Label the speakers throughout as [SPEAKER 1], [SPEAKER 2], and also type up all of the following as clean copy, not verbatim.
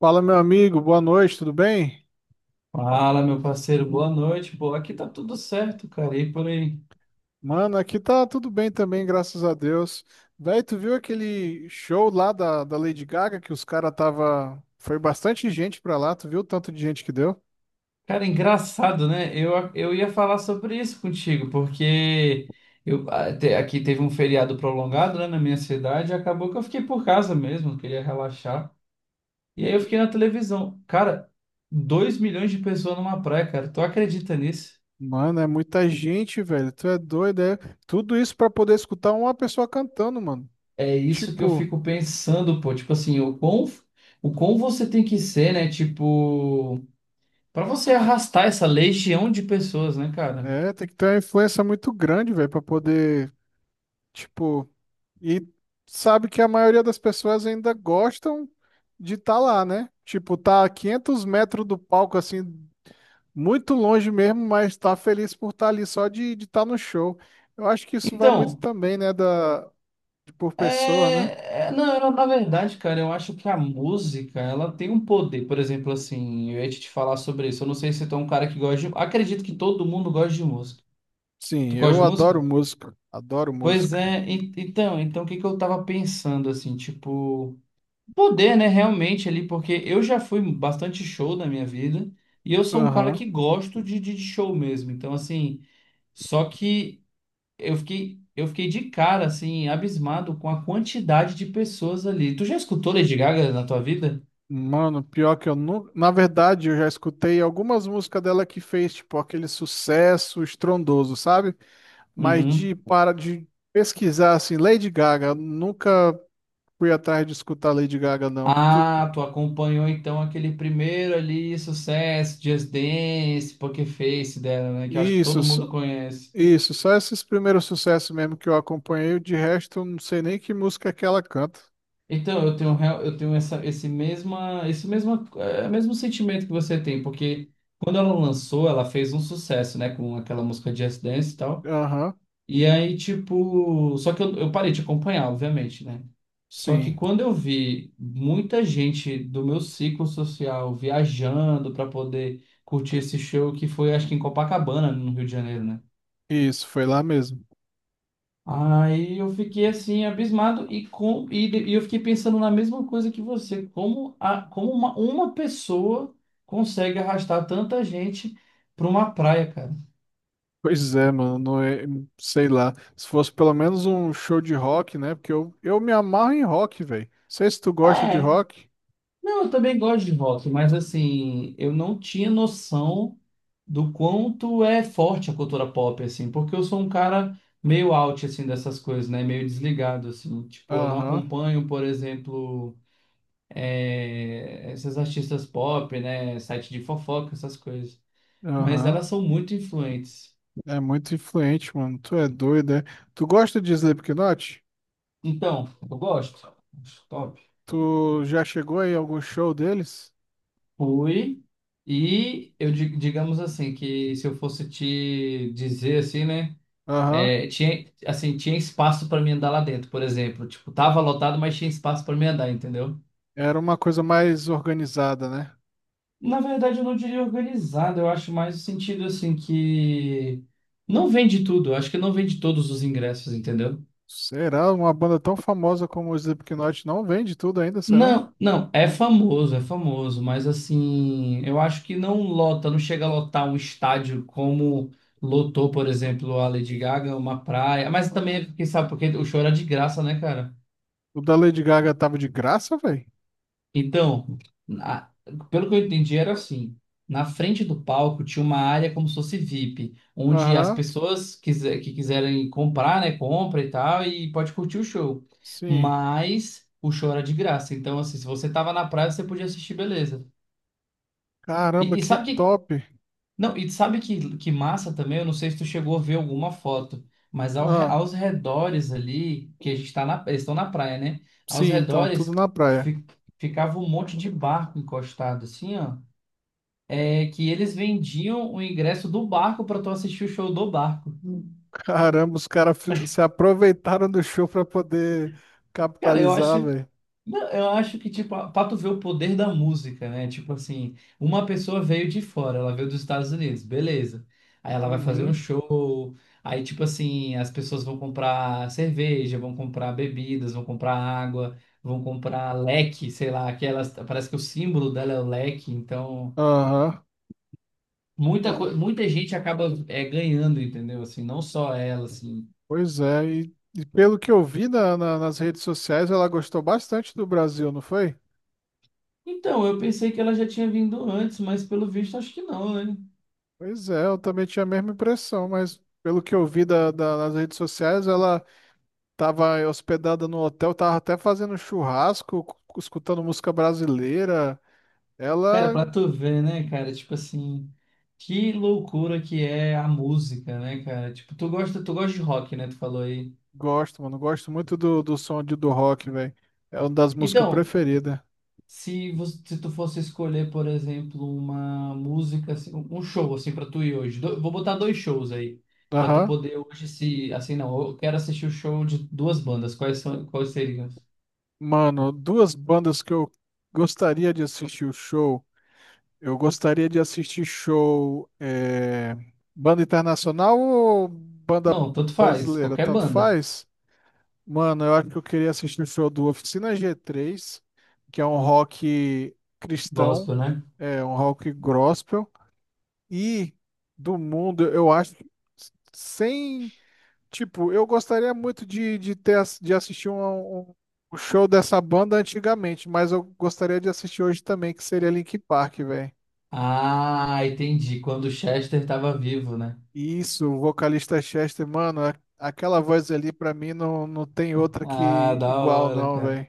[SPEAKER 1] Fala, meu amigo, boa noite, tudo bem?
[SPEAKER 2] Fala, meu parceiro, boa noite. Pô, aqui tá tudo certo, cara. E por aí?
[SPEAKER 1] Mano, aqui tá tudo bem também, graças a Deus. Véi, tu viu aquele show lá da Lady Gaga que os caras tava. Foi bastante gente pra lá, tu viu o tanto de gente que deu?
[SPEAKER 2] Cara, engraçado, né? Eu ia falar sobre isso contigo, porque eu, aqui teve um feriado prolongado, né, na minha cidade, e acabou que eu fiquei por casa mesmo, queria relaxar. E aí eu fiquei na televisão. Cara, 2 milhões de pessoas numa praia, cara. Tu acredita nisso?
[SPEAKER 1] Mano, é muita gente, velho, tu é doido, é? Tudo isso pra poder escutar uma pessoa cantando, mano.
[SPEAKER 2] É isso que eu
[SPEAKER 1] Tipo,
[SPEAKER 2] fico pensando, pô. Tipo assim, o quão você tem que ser, né? Tipo, pra você arrastar essa legião de pessoas, né, cara?
[SPEAKER 1] é, tem que ter uma influência muito grande, velho, pra poder, tipo. E sabe que a maioria das pessoas ainda gostam de estar lá, né? Tipo, tá a 500 metros do palco, assim, muito longe mesmo, mas tá feliz por estar ali só de estar no show. Eu acho que isso vai muito
[SPEAKER 2] Então,
[SPEAKER 1] também, né, da, de por pessoa, né?
[SPEAKER 2] não, na verdade, cara, eu acho que a música, ela tem um poder. Por exemplo, assim, eu ia te falar sobre isso. Eu não sei se tu é um cara que gosta de... Acredito que todo mundo gosta de música.
[SPEAKER 1] Sim,
[SPEAKER 2] Tu gosta
[SPEAKER 1] eu
[SPEAKER 2] de
[SPEAKER 1] adoro
[SPEAKER 2] música?
[SPEAKER 1] música, adoro
[SPEAKER 2] Pois
[SPEAKER 1] música.
[SPEAKER 2] é, então, então o que que eu tava pensando, assim, tipo... Poder, né, realmente ali, porque eu já fui bastante show na minha vida. E eu sou um cara
[SPEAKER 1] Aham.
[SPEAKER 2] que gosto de, de show mesmo. Então, assim, só que... Eu fiquei de cara, assim, abismado com a quantidade de pessoas ali. Tu já escutou Lady Gaga na tua vida?
[SPEAKER 1] Mano, pior que eu nunca. Na verdade, eu já escutei algumas músicas dela que fez, tipo, aquele sucesso estrondoso, sabe? Mas
[SPEAKER 2] Uhum.
[SPEAKER 1] de para de pesquisar assim, Lady Gaga, nunca fui atrás de escutar Lady Gaga, não. Tu-
[SPEAKER 2] Ah, tu acompanhou então aquele primeiro ali, sucesso, Just Dance, Poker Face dela, né? Que eu acho que
[SPEAKER 1] isso,
[SPEAKER 2] todo
[SPEAKER 1] só-
[SPEAKER 2] mundo conhece.
[SPEAKER 1] isso, só esses primeiros sucessos mesmo que eu acompanhei, de resto eu não sei nem que música é que ela canta.
[SPEAKER 2] Então, eu tenho, eu tenho essa, esse mesma, é, mesmo sentimento que você tem, porque quando ela lançou, ela fez um sucesso, né? Com aquela música Just Dance e tal.
[SPEAKER 1] Aham,
[SPEAKER 2] E aí, tipo, só que eu parei de acompanhar, obviamente, né? Só que
[SPEAKER 1] sim,
[SPEAKER 2] quando eu vi muita gente do meu ciclo social viajando para poder curtir esse show, que foi, acho que em Copacabana, no Rio de Janeiro, né?
[SPEAKER 1] isso, foi lá mesmo.
[SPEAKER 2] Aí eu fiquei assim, abismado e eu fiquei pensando na mesma coisa que você, como uma pessoa consegue arrastar tanta gente para uma praia, cara.
[SPEAKER 1] Pois é, mano, não é- sei lá. Se fosse pelo menos um show de rock, né? Porque eu me amarro em rock, velho. Sei se tu gosta de
[SPEAKER 2] É,
[SPEAKER 1] rock.
[SPEAKER 2] não, eu também gosto de rock, mas assim, eu não tinha noção do quanto é forte a cultura pop, assim, porque eu sou um cara meio out, assim, dessas coisas, né? Meio desligado, assim. Tipo, eu não
[SPEAKER 1] Aham,
[SPEAKER 2] acompanho, por exemplo, essas artistas pop, né? Site de fofoca, essas coisas. Mas
[SPEAKER 1] aham.
[SPEAKER 2] elas são muito influentes.
[SPEAKER 1] É muito influente, mano. Tu é doido, é? Tu gosta de Slipknot?
[SPEAKER 2] Então, eu gosto. Acho top.
[SPEAKER 1] Tu já chegou aí a algum show deles?
[SPEAKER 2] Fui. E eu, digamos assim, que se eu fosse te dizer assim, né?
[SPEAKER 1] Aham.
[SPEAKER 2] É, tinha, assim, tinha espaço para mim andar lá dentro, por exemplo. Tipo, tava lotado, mas tinha espaço para mim andar, entendeu?
[SPEAKER 1] Era uma coisa mais organizada, né?
[SPEAKER 2] Na verdade, eu não diria organizado, eu acho mais o sentido, assim, que não vende tudo, eu acho que não vende todos os ingressos, entendeu?
[SPEAKER 1] Será? Uma banda tão famosa como o Slipknot não vende tudo ainda, será?
[SPEAKER 2] Não, não, é famoso, mas assim, eu acho que não lota, não chega a lotar um estádio como lotou, por exemplo, a Lady Gaga, uma praia, mas também, quem sabe, porque o show era de graça, né, cara?
[SPEAKER 1] O da Lady Gaga tava de graça, velho?
[SPEAKER 2] Então, na- pelo que eu entendi, era assim. Na frente do palco tinha uma área como se fosse VIP, onde as
[SPEAKER 1] Aham.
[SPEAKER 2] pessoas que quiserem comprar, né, compra e tal, e pode curtir o show.
[SPEAKER 1] Sim.
[SPEAKER 2] Mas o show era de graça. Então, assim, se você tava na praia, você podia assistir, beleza.
[SPEAKER 1] Caramba,
[SPEAKER 2] E, e
[SPEAKER 1] que
[SPEAKER 2] sabe o que
[SPEAKER 1] top.
[SPEAKER 2] não, e sabe que massa também? Eu não sei se tu chegou a ver alguma foto, mas
[SPEAKER 1] Ah,
[SPEAKER 2] aos redores ali, que a gente tá na, eles estão na praia, né? Aos
[SPEAKER 1] sim, então, tudo
[SPEAKER 2] redores
[SPEAKER 1] na praia.
[SPEAKER 2] fi- ficava um monte de barco encostado, assim, ó. É que eles vendiam o ingresso do barco para tu assistir o show do barco.
[SPEAKER 1] Caramba, os caras fi- se aproveitaram do show pra poder
[SPEAKER 2] Cara, eu
[SPEAKER 1] capitalizar,
[SPEAKER 2] acho,
[SPEAKER 1] velho.
[SPEAKER 2] Não, eu acho que, tipo, pra tu ver o poder da música, né? Tipo assim, uma pessoa veio de fora, ela veio dos Estados Unidos, beleza. Aí ela vai fazer um
[SPEAKER 1] Uhum.
[SPEAKER 2] show, aí, tipo assim, as pessoas vão comprar cerveja, vão comprar bebidas, vão comprar água, vão comprar leque, sei lá, que elas, parece que o símbolo dela é o leque, então
[SPEAKER 1] Aham.
[SPEAKER 2] muita gente acaba é, ganhando, entendeu? Assim, não só ela, assim.
[SPEAKER 1] Pois é, e pelo que eu vi na- na- nas redes sociais, ela gostou bastante do Brasil, não foi?
[SPEAKER 2] Então, eu pensei que ela já tinha vindo antes, mas pelo visto acho que não, né?
[SPEAKER 1] Pois é, eu também tinha a mesma impressão, mas pelo que eu vi da- da- nas redes sociais, ela estava hospedada no hotel, estava até fazendo churrasco, cu- escutando música brasileira.
[SPEAKER 2] Cara,
[SPEAKER 1] Ela
[SPEAKER 2] pra tu ver, né, cara? Tipo assim, que loucura que é a música, né, cara? Tipo, tu gosta de rock, né? Tu falou aí.
[SPEAKER 1] gosto, mano. Gosto muito do, do som de, do rock, velho. É uma das músicas
[SPEAKER 2] Então,
[SPEAKER 1] preferidas.
[SPEAKER 2] se você, se tu fosse escolher, por exemplo, uma música, assim, um show, assim, pra tu ir hoje. Vou botar dois shows aí. Pra tu
[SPEAKER 1] Aham.
[SPEAKER 2] poder hoje se. Assim, não, eu quero assistir o show de duas bandas. Quais são, quais seriam?
[SPEAKER 1] Mano, duas bandas que eu gostaria de assistir o show. Eu gostaria de assistir show. É, banda internacional ou banda
[SPEAKER 2] Não, tanto faz,
[SPEAKER 1] brasileira?
[SPEAKER 2] qualquer
[SPEAKER 1] Tanto
[SPEAKER 2] banda.
[SPEAKER 1] faz. Mano, eu acho que eu queria assistir o show do Oficina G3, que é um rock cristão,
[SPEAKER 2] Gospel, né?
[SPEAKER 1] é um rock gospel. E do mundo, eu acho, que sem, tipo, eu gostaria muito de ter, ass- de assistir um, um- o show dessa banda antigamente, mas eu gostaria de assistir hoje também, que seria Linkin Park, velho.
[SPEAKER 2] Ah, entendi. Quando o Chester tava vivo, né?
[SPEAKER 1] Isso, o vocalista Chester, mano, a- aquela voz ali pra mim não, não tem outra que
[SPEAKER 2] Ah, da
[SPEAKER 1] igual,
[SPEAKER 2] hora,
[SPEAKER 1] não, velho.
[SPEAKER 2] cara.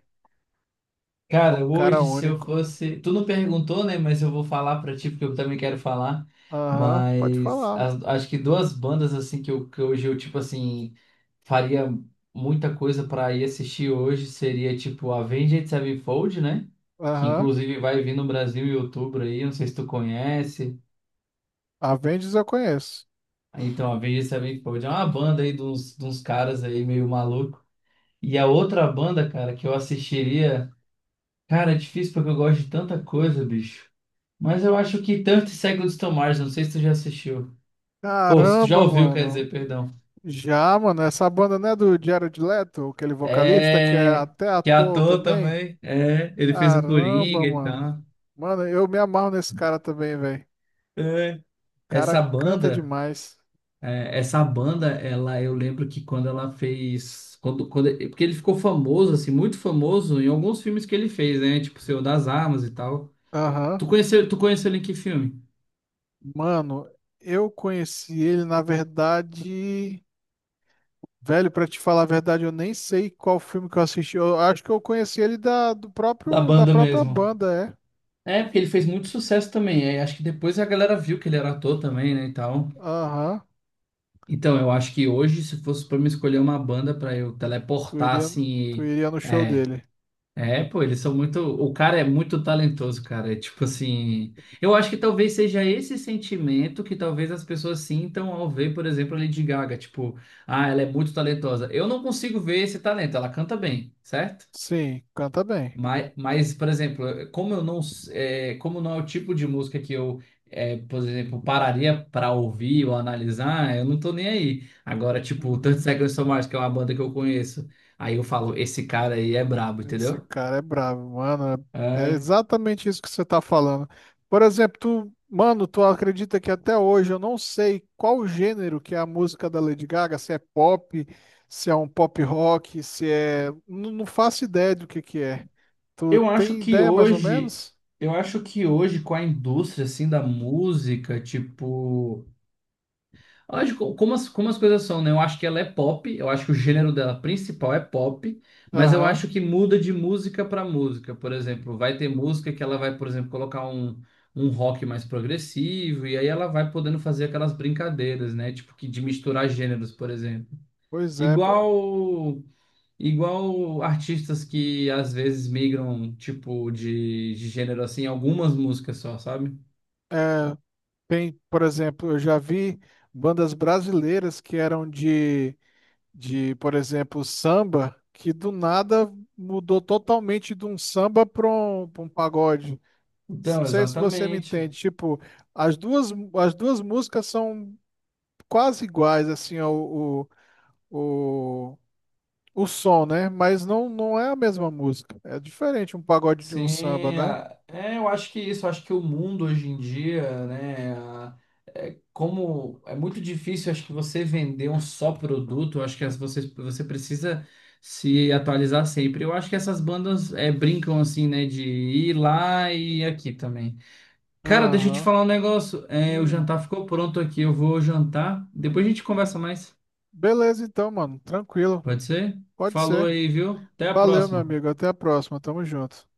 [SPEAKER 1] É um
[SPEAKER 2] Cara,
[SPEAKER 1] cara
[SPEAKER 2] hoje se eu
[SPEAKER 1] único.
[SPEAKER 2] fosse. Tu não perguntou, né? Mas eu vou falar pra ti, porque eu também quero falar.
[SPEAKER 1] Aham, pode
[SPEAKER 2] Mas
[SPEAKER 1] falar.
[SPEAKER 2] acho que duas bandas, assim, que, eu, que hoje eu, tipo assim, faria muita coisa pra ir assistir hoje seria, tipo, Avenged Sevenfold, né? Que
[SPEAKER 1] Aham.
[SPEAKER 2] inclusive vai vir no Brasil em outubro aí, não sei se tu conhece.
[SPEAKER 1] Avengers eu conheço.
[SPEAKER 2] Então, Avenged Sevenfold é uma banda aí de uns caras aí meio maluco. E a outra banda, cara, que eu assistiria. Cara, é difícil porque eu gosto de tanta coisa, bicho. Mas eu acho que tanto segue o Tomás, não sei se tu já assistiu. Ou se tu já
[SPEAKER 1] Caramba,
[SPEAKER 2] ouviu, quer
[SPEAKER 1] mano.
[SPEAKER 2] dizer, perdão.
[SPEAKER 1] Já, mano, essa banda não é do Jared Leto, aquele vocalista que é
[SPEAKER 2] É.
[SPEAKER 1] até
[SPEAKER 2] Que é
[SPEAKER 1] ator
[SPEAKER 2] ator
[SPEAKER 1] também?
[SPEAKER 2] também. É, ele fez o
[SPEAKER 1] Caramba,
[SPEAKER 2] Coringa e
[SPEAKER 1] mano.
[SPEAKER 2] tal.
[SPEAKER 1] Mano, eu me amarro nesse cara também, velho.
[SPEAKER 2] É.
[SPEAKER 1] Cara
[SPEAKER 2] Essa
[SPEAKER 1] canta
[SPEAKER 2] banda,
[SPEAKER 1] demais.
[SPEAKER 2] essa banda, ela, eu lembro que quando ela fez. Porque ele ficou famoso, assim, muito famoso em alguns filmes que ele fez, né? Tipo, Senhor das Armas e tal.
[SPEAKER 1] Aham.
[SPEAKER 2] Tu conheceu ele em que filme?
[SPEAKER 1] Mano, eu conheci ele, na verdade. Velho, pra te falar a verdade, eu nem sei qual filme que eu assisti. Eu acho que eu conheci ele da, do
[SPEAKER 2] Da
[SPEAKER 1] próprio, da
[SPEAKER 2] banda
[SPEAKER 1] própria
[SPEAKER 2] mesmo.
[SPEAKER 1] banda,
[SPEAKER 2] É, porque ele fez muito sucesso também. É, acho que depois a galera viu que ele era ator também, né, e tal.
[SPEAKER 1] é. Aham.
[SPEAKER 2] Então, eu acho que hoje, se fosse pra me escolher uma banda pra eu
[SPEAKER 1] Tu
[SPEAKER 2] teleportar,
[SPEAKER 1] iria, tu
[SPEAKER 2] assim,
[SPEAKER 1] iria no show
[SPEAKER 2] é,
[SPEAKER 1] dele.
[SPEAKER 2] pô, eles são muito, o cara é muito talentoso, cara, é tipo assim, eu acho que talvez seja esse sentimento que talvez as pessoas sintam ao ver, por exemplo, a Lady Gaga, tipo, ah, ela é muito talentosa. Eu não consigo ver esse talento, ela canta bem, certo?
[SPEAKER 1] Sim, canta bem.
[SPEAKER 2] Mas, por exemplo, como eu não, como não é o tipo de música que eu, é, por exemplo, pararia para ouvir ou analisar, eu não tô nem aí. Agora, tipo, 30
[SPEAKER 1] Uhum.
[SPEAKER 2] Seconds to Mars, que é uma banda que eu conheço, aí eu falo, esse cara aí é brabo,
[SPEAKER 1] Esse
[SPEAKER 2] entendeu?
[SPEAKER 1] cara é bravo, mano. É
[SPEAKER 2] É,
[SPEAKER 1] exatamente isso que você tá falando. Por exemplo, tu, mano, tu acredita que até hoje eu não sei qual o gênero que é a música da Lady Gaga, se é pop, se é um pop rock, se é. Não, não faço ideia do que é. Tu
[SPEAKER 2] eu acho
[SPEAKER 1] tem
[SPEAKER 2] que
[SPEAKER 1] ideia mais ou
[SPEAKER 2] hoje,
[SPEAKER 1] menos?
[SPEAKER 2] eu acho que hoje com a indústria assim da música, tipo lógico, como como as coisas são, né? Eu acho que ela é pop, eu acho que o gênero dela principal é pop, mas eu
[SPEAKER 1] Aham.
[SPEAKER 2] acho que muda de música para música. Por exemplo, vai ter música que ela vai, por exemplo, um rock mais progressivo, e aí ela vai podendo fazer aquelas brincadeiras, né? Tipo, que de misturar gêneros, por exemplo.
[SPEAKER 1] Pois é. P-
[SPEAKER 2] Igual, igual artistas que às vezes migram, tipo, de gênero assim, em algumas músicas só, sabe?
[SPEAKER 1] É, tem, por exemplo, eu já vi bandas brasileiras que eram de, por exemplo, samba, que do nada mudou totalmente de um samba para um, pra um pagode. Não
[SPEAKER 2] Então,
[SPEAKER 1] sei se você me
[SPEAKER 2] exatamente.
[SPEAKER 1] entende. Tipo, as duas músicas são quase iguais, assim, ó, o, o som, né? Mas não, não é a mesma música. É diferente um pagode de um samba,
[SPEAKER 2] Sim,
[SPEAKER 1] né?
[SPEAKER 2] é, eu acho que é isso, eu acho que o mundo hoje em dia, né, como é muito difícil, acho que você vender um só produto, eu acho que você, você precisa se atualizar sempre. Eu acho que essas bandas é, brincam assim, né, de ir lá e aqui também. Cara, deixa eu te
[SPEAKER 1] Aham.
[SPEAKER 2] falar um negócio, é, o
[SPEAKER 1] Hum.
[SPEAKER 2] jantar ficou pronto aqui, eu vou jantar, depois a gente conversa mais,
[SPEAKER 1] Beleza, então, mano. Tranquilo.
[SPEAKER 2] pode ser?
[SPEAKER 1] Pode
[SPEAKER 2] Falou
[SPEAKER 1] ser.
[SPEAKER 2] aí, viu? Até a
[SPEAKER 1] Valeu, meu
[SPEAKER 2] próxima.
[SPEAKER 1] amigo. Até a próxima. Tamo junto.